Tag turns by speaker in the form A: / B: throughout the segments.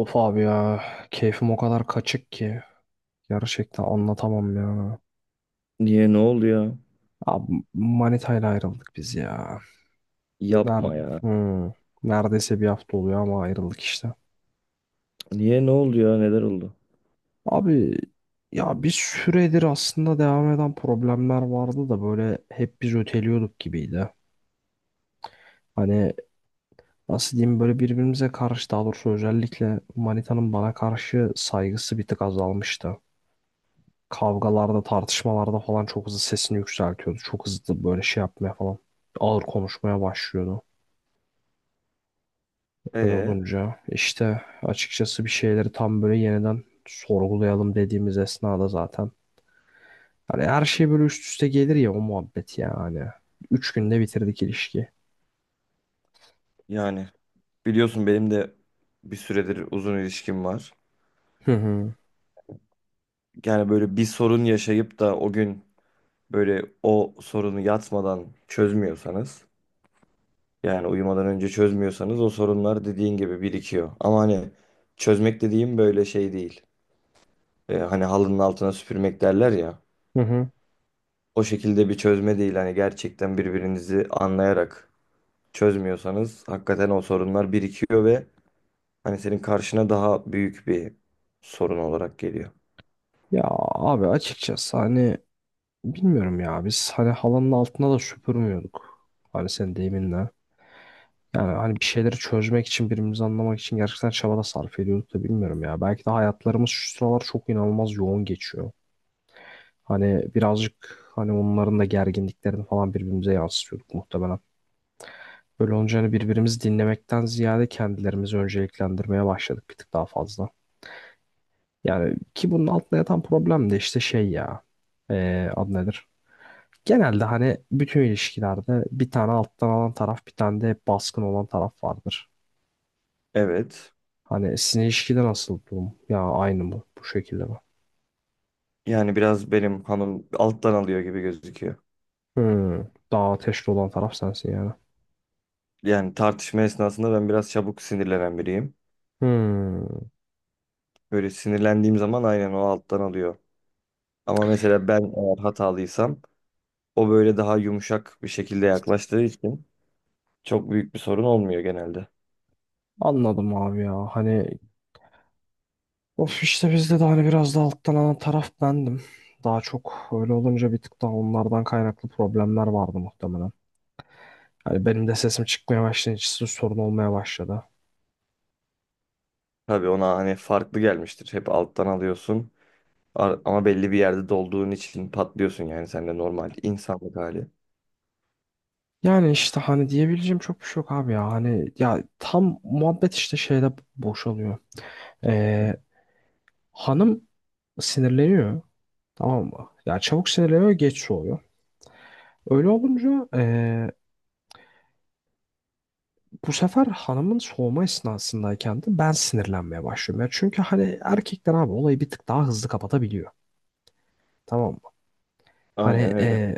A: Of abi ya, keyfim o kadar kaçık ki gerçekten anlatamam ya.
B: Niye ne oldu ya?
A: Abi manitayla ayrıldık biz ya.
B: Yapma
A: Nerede?
B: ya.
A: Neredeyse bir hafta oluyor ama ayrıldık işte.
B: Niye ne oldu ya? Neler oldu?
A: Abi ya, bir süredir aslında devam eden problemler vardı da böyle hep biz öteliyorduk gibiydi. Hani nasıl diyeyim, böyle birbirimize karşı, daha doğrusu özellikle manitanın bana karşı saygısı bir tık azalmıştı. Kavgalarda, tartışmalarda falan çok hızlı sesini yükseltiyordu. Çok hızlı böyle şey yapmaya falan. Ağır konuşmaya başlıyordu. Öyle
B: Ee,
A: olunca işte açıkçası bir şeyleri tam böyle yeniden sorgulayalım dediğimiz esnada zaten. Hani her şey böyle üst üste gelir ya, o muhabbet yani. 3 günde bitirdik ilişki.
B: Yani biliyorsun benim de bir süredir uzun ilişkim var.
A: Hı hı.
B: Yani böyle bir sorun yaşayıp da o gün böyle o sorunu yatmadan çözmüyorsanız, yani uyumadan önce çözmüyorsanız o sorunlar dediğin gibi birikiyor. Ama hani çözmek dediğim böyle şey değil. Hani halının altına süpürmek derler ya.
A: Hı hı.
B: O şekilde bir çözme değil, hani gerçekten birbirinizi anlayarak çözmüyorsanız hakikaten o sorunlar birikiyor ve hani senin karşına daha büyük bir sorun olarak geliyor.
A: Ya abi, açıkçası hani bilmiyorum ya, biz hani halanın altına da süpürmüyorduk. Hani sen deyiminle. Yani hani bir şeyleri çözmek için, birbirimizi anlamak için gerçekten çaba da sarf ediyorduk da bilmiyorum ya. Belki de hayatlarımız şu sıralar çok inanılmaz yoğun geçiyor. Hani birazcık hani onların da gerginliklerini falan birbirimize yansıtıyorduk muhtemelen. Böyle olunca hani birbirimizi dinlemekten ziyade kendilerimizi önceliklendirmeye başladık bir tık daha fazla. Yani ki bunun altında yatan problem de işte şey ya. Adı nedir? Genelde hani bütün ilişkilerde bir tane alttan alan taraf, bir tane de baskın olan taraf vardır.
B: Evet.
A: Hani sizin ilişkide nasıl durum? Ya aynı mı? Bu şekilde mi?
B: Yani biraz benim hanım alttan alıyor gibi gözüküyor.
A: Hmm. Daha ateşli olan taraf sensin yani.
B: Yani tartışma esnasında ben biraz çabuk sinirlenen biriyim.
A: Hmm.
B: Böyle sinirlendiğim zaman aynen o alttan alıyor. Ama mesela ben eğer hatalıysam o böyle daha yumuşak bir şekilde yaklaştığı için çok büyük bir sorun olmuyor genelde.
A: Anladım abi ya. Hani of, işte bizde de hani biraz da alttan alan taraf bendim. Daha çok öyle olunca bir tık daha onlardan kaynaklı problemler vardı muhtemelen. Hani benim de sesim çıkmaya başlayınca sizin sorun olmaya başladı.
B: Tabii ona hani farklı gelmiştir. Hep alttan alıyorsun. Ama belli bir yerde dolduğun için patlıyorsun, yani sen de normal insanlık hali.
A: Yani işte hani diyebileceğim çok bir şey yok abi ya. Hani ya tam muhabbet işte şeyde boşalıyor. Ee, hanım sinirleniyor. Tamam mı? Yani çabuk sinirleniyor, geç soğuyor. Öyle olunca bu sefer hanımın soğuma esnasındayken de ben sinirlenmeye başlıyorum. Ya çünkü hani erkekler abi olayı bir tık daha hızlı kapatabiliyor. Tamam mı? Hani
B: Aynen öyle.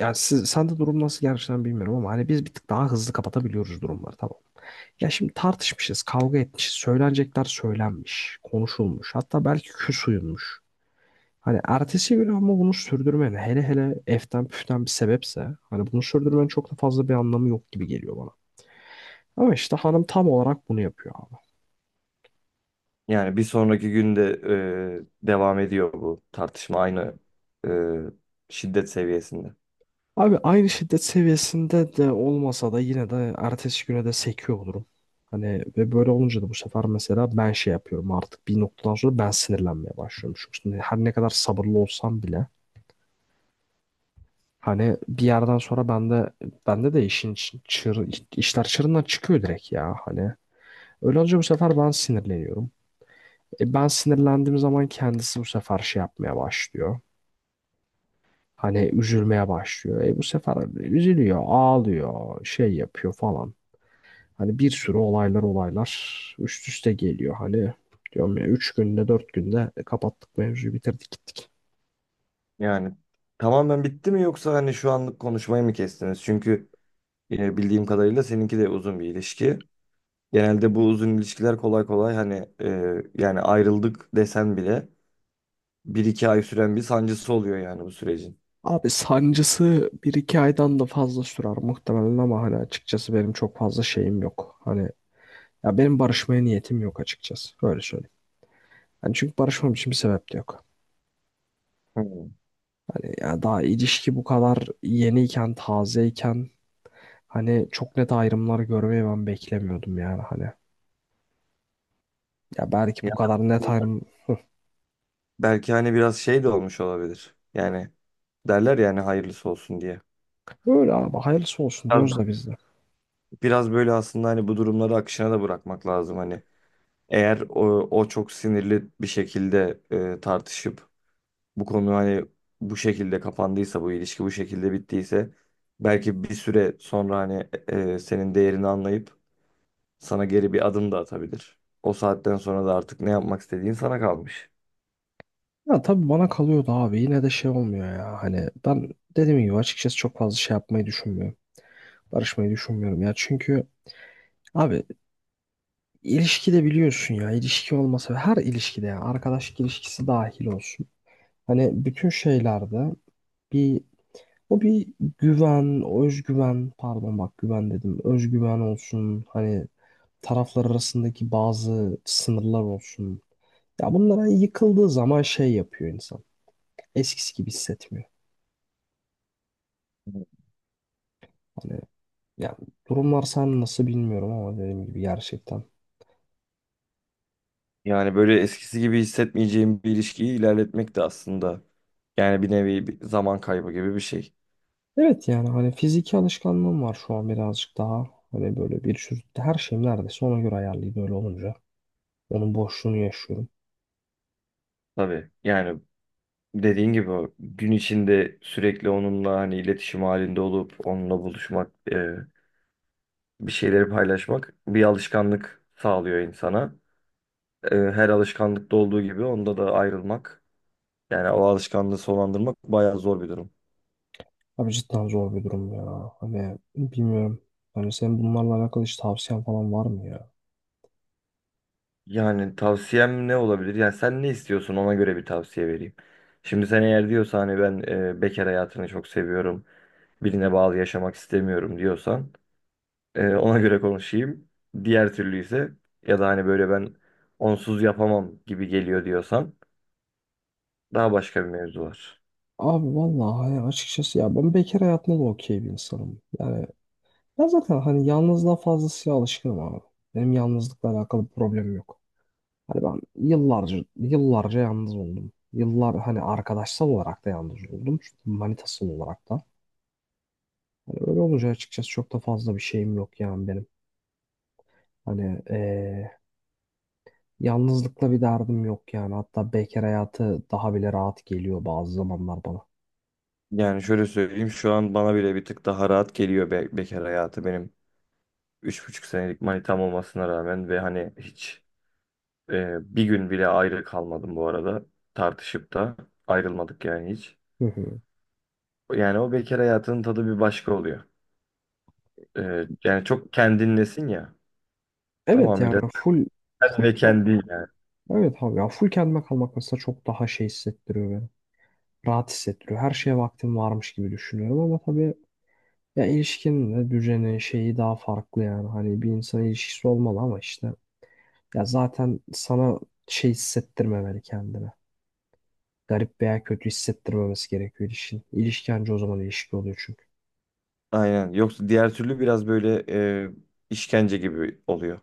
A: yani sende durum nasıl gerçekten bilmiyorum, ama hani biz bir tık daha hızlı kapatabiliyoruz durumları, tamam mı? Ya şimdi tartışmışız, kavga etmişiz, söylenecekler söylenmiş, konuşulmuş. Hatta belki küs uyunmuş. Hani ertesi gün ama bunu sürdürmen, hele hele eften püften bir sebepse, hani bunu sürdürmenin çok da fazla bir anlamı yok gibi geliyor bana. Ama işte hanım tam olarak bunu yapıyor abi.
B: Yani bir sonraki günde devam ediyor bu tartışma aynı e, şiddet seviyesinde.
A: Abi aynı şiddet seviyesinde de olmasa da yine de ertesi güne de sekiyor olurum. Hani ve böyle olunca da bu sefer mesela ben şey yapıyorum, artık bir noktadan sonra ben sinirlenmeye başlıyorum. Çünkü her ne kadar sabırlı olsam bile hani bir yerden sonra bende, bende de işin çır, işler çığırından çıkıyor direkt ya hani. Öyle olunca bu sefer ben sinirleniyorum. Ben sinirlendiğim zaman kendisi bu sefer şey yapmaya başlıyor. Hani üzülmeye başlıyor. Bu sefer üzülüyor, ağlıyor, şey yapıyor falan. Hani bir sürü olaylar üst üste geliyor. Hani diyorum ya, 3 günde 4 günde kapattık mevzuyu, bitirdik gittik.
B: Yani tamamen bitti mi, yoksa hani şu anlık konuşmayı mı kestiniz? Çünkü bildiğim kadarıyla seninki de uzun bir ilişki. Genelde bu uzun ilişkiler kolay kolay hani yani ayrıldık desen bile bir iki ay süren bir sancısı oluyor yani bu sürecin.
A: Abi sancısı bir iki aydan da fazla sürer muhtemelen, ama hani açıkçası benim çok fazla şeyim yok. Hani ya benim barışmaya niyetim yok açıkçası. Öyle söyleyeyim. Hani çünkü barışmam için bir sebep de yok.
B: Hmm.
A: Ya daha ilişki bu kadar yeniyken, tazeyken, hani çok net ayrımlar görmeyi ben beklemiyordum yani hani. Ya belki
B: Ya,
A: bu kadar net ayrım,
B: belki hani biraz şey de olmuş olabilir. Yani derler yani, hayırlısı olsun diye.
A: öyle abi, hayırlısı olsun
B: Biraz,
A: diyoruz da biz de.
B: biraz böyle aslında hani bu durumları akışına da bırakmak lazım hani. Eğer o çok sinirli bir şekilde tartışıp bu konu hani bu şekilde kapandıysa, bu ilişki bu şekilde bittiyse belki bir süre sonra hani senin değerini anlayıp sana geri bir adım da atabilir. O saatten sonra da artık ne yapmak istediğin sana kalmış.
A: Ya tabii bana kalıyordu abi, yine de şey olmuyor ya, hani ben dediğim gibi açıkçası çok fazla şey yapmayı düşünmüyorum. Barışmayı düşünmüyorum ya çünkü abi, ilişkide biliyorsun ya, ilişki olmasa her ilişkide, yani arkadaşlık ilişkisi dahil olsun. Hani bütün şeylerde bir, o bir güven, özgüven, pardon bak güven dedim. Özgüven olsun, hani taraflar arasındaki bazı sınırlar olsun. Ya bunlara yıkıldığı zaman şey yapıyor insan. Eskisi gibi hissetmiyor. Hani yani, durumlar sen nasıl bilmiyorum ama dediğim gibi gerçekten.
B: Yani böyle eskisi gibi hissetmeyeceğim bir ilişkiyi ilerletmek de aslında yani bir nevi bir zaman kaybı gibi bir şey.
A: Evet yani hani fiziki alışkanlığım var şu an birazcık daha. Hani böyle bir sürü, her şeyim neredeyse ona göre ayarlıydı, öyle olunca. Onun boşluğunu yaşıyorum.
B: Tabii, yani dediğin gibi o gün içinde sürekli onunla hani iletişim halinde olup onunla buluşmak, bir şeyleri paylaşmak bir alışkanlık sağlıyor insana. E, her alışkanlıkta olduğu gibi onda da ayrılmak, yani o alışkanlığı sonlandırmak bayağı zor bir durum.
A: Abi cidden zor bir durum ya. Hani bilmiyorum. Hani senin bunlarla alakalı hiç tavsiyen falan var mı ya?
B: Yani tavsiyem ne olabilir? Yani sen ne istiyorsun, ona göre bir tavsiye vereyim. Şimdi sen eğer diyorsan hani ben bekar hayatını çok seviyorum, birine bağlı yaşamak istemiyorum diyorsan ona göre konuşayım. Diğer türlü ise, ya da hani böyle ben onsuz yapamam gibi geliyor diyorsan daha başka bir mevzu var.
A: Abi vallahi hani açıkçası ya, ben bekar hayatında da okey bir insanım. Yani ben zaten hani yalnızlığa fazlasıyla alışkınım abi. Benim yalnızlıkla alakalı bir problemim yok. Hani ben yıllarca yıllarca yalnız oldum. Yıllar, hani arkadaşsal olarak da yalnız oldum. Çünkü manitasal olarak da. Hani öyle olunca açıkçası çok da fazla bir şeyim yok yani benim. Hani yalnızlıkla bir derdim yok yani. Hatta bekar hayatı daha bile rahat geliyor bazı zamanlar bana.
B: Yani şöyle söyleyeyim, şu an bana bile bir tık daha rahat geliyor be, bekar hayatı, benim 3,5 senelik manitam olmasına rağmen ve hani hiç bir gün bile ayrı kalmadım bu arada. Tartışıp da ayrılmadık yani hiç.
A: Hı hı.
B: Yani o bekar hayatının tadı bir başka oluyor. Yani çok kendinlesin ya.
A: Evet yani
B: Tamamıyla
A: full
B: sen
A: full
B: ve
A: kendim.
B: kendin ya.
A: Evet abi ya, full kendime kalmak mesela çok daha şey hissettiriyor beni. Rahat hissettiriyor. Her şeye vaktim varmış gibi düşünüyorum, ama tabii ya ilişkinin de düzeni şeyi daha farklı yani. Hani bir insan ilişkisi olmalı ama işte, ya zaten sana şey hissettirmemeli kendine, garip veya kötü hissettirmemesi gerekiyor ilişkin. İlişki anca o zaman ilişki oluyor çünkü.
B: Aynen. Yoksa diğer türlü biraz böyle e, işkence gibi oluyor.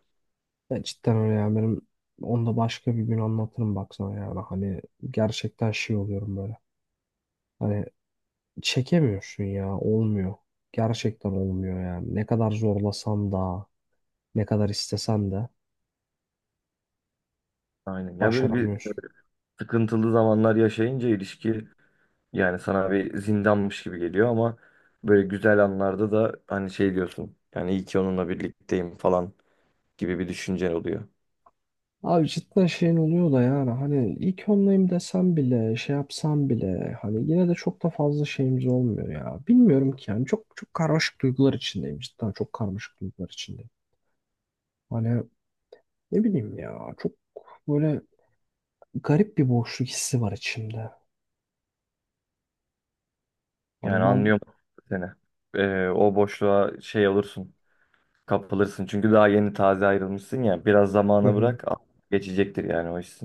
A: Ya cidden öyle yani, benim onu da başka bir gün anlatırım, baksana yani hani gerçekten şey oluyorum böyle. Hani çekemiyorsun ya, olmuyor. Gerçekten olmuyor yani. Ne kadar zorlasan da, ne kadar istesen de
B: Aynen. Ya böyle bir
A: başaramıyorsun.
B: sıkıntılı zamanlar yaşayınca ilişki yani sana bir zindanmış gibi geliyor, ama böyle güzel anlarda da hani şey diyorsun. Yani iyi ki onunla birlikteyim falan gibi bir düşüncen oluyor.
A: Abi cidden şeyin oluyor da yani hani ilk onlayım desem bile, şey yapsam bile hani yine de çok da fazla şeyimiz olmuyor ya. Bilmiyorum ki yani, çok çok karmaşık duygular içindeyim, cidden çok karmaşık duygular içindeyim. Hani ne bileyim ya, çok böyle garip bir boşluk hissi var içimde. Hani
B: Yani
A: ben,
B: anlıyorum seni. O boşluğa şey olursun, kapılırsın. Çünkü daha yeni taze ayrılmışsın ya. Biraz
A: hı
B: zamana
A: hı.
B: bırak, geçecektir yani o iş.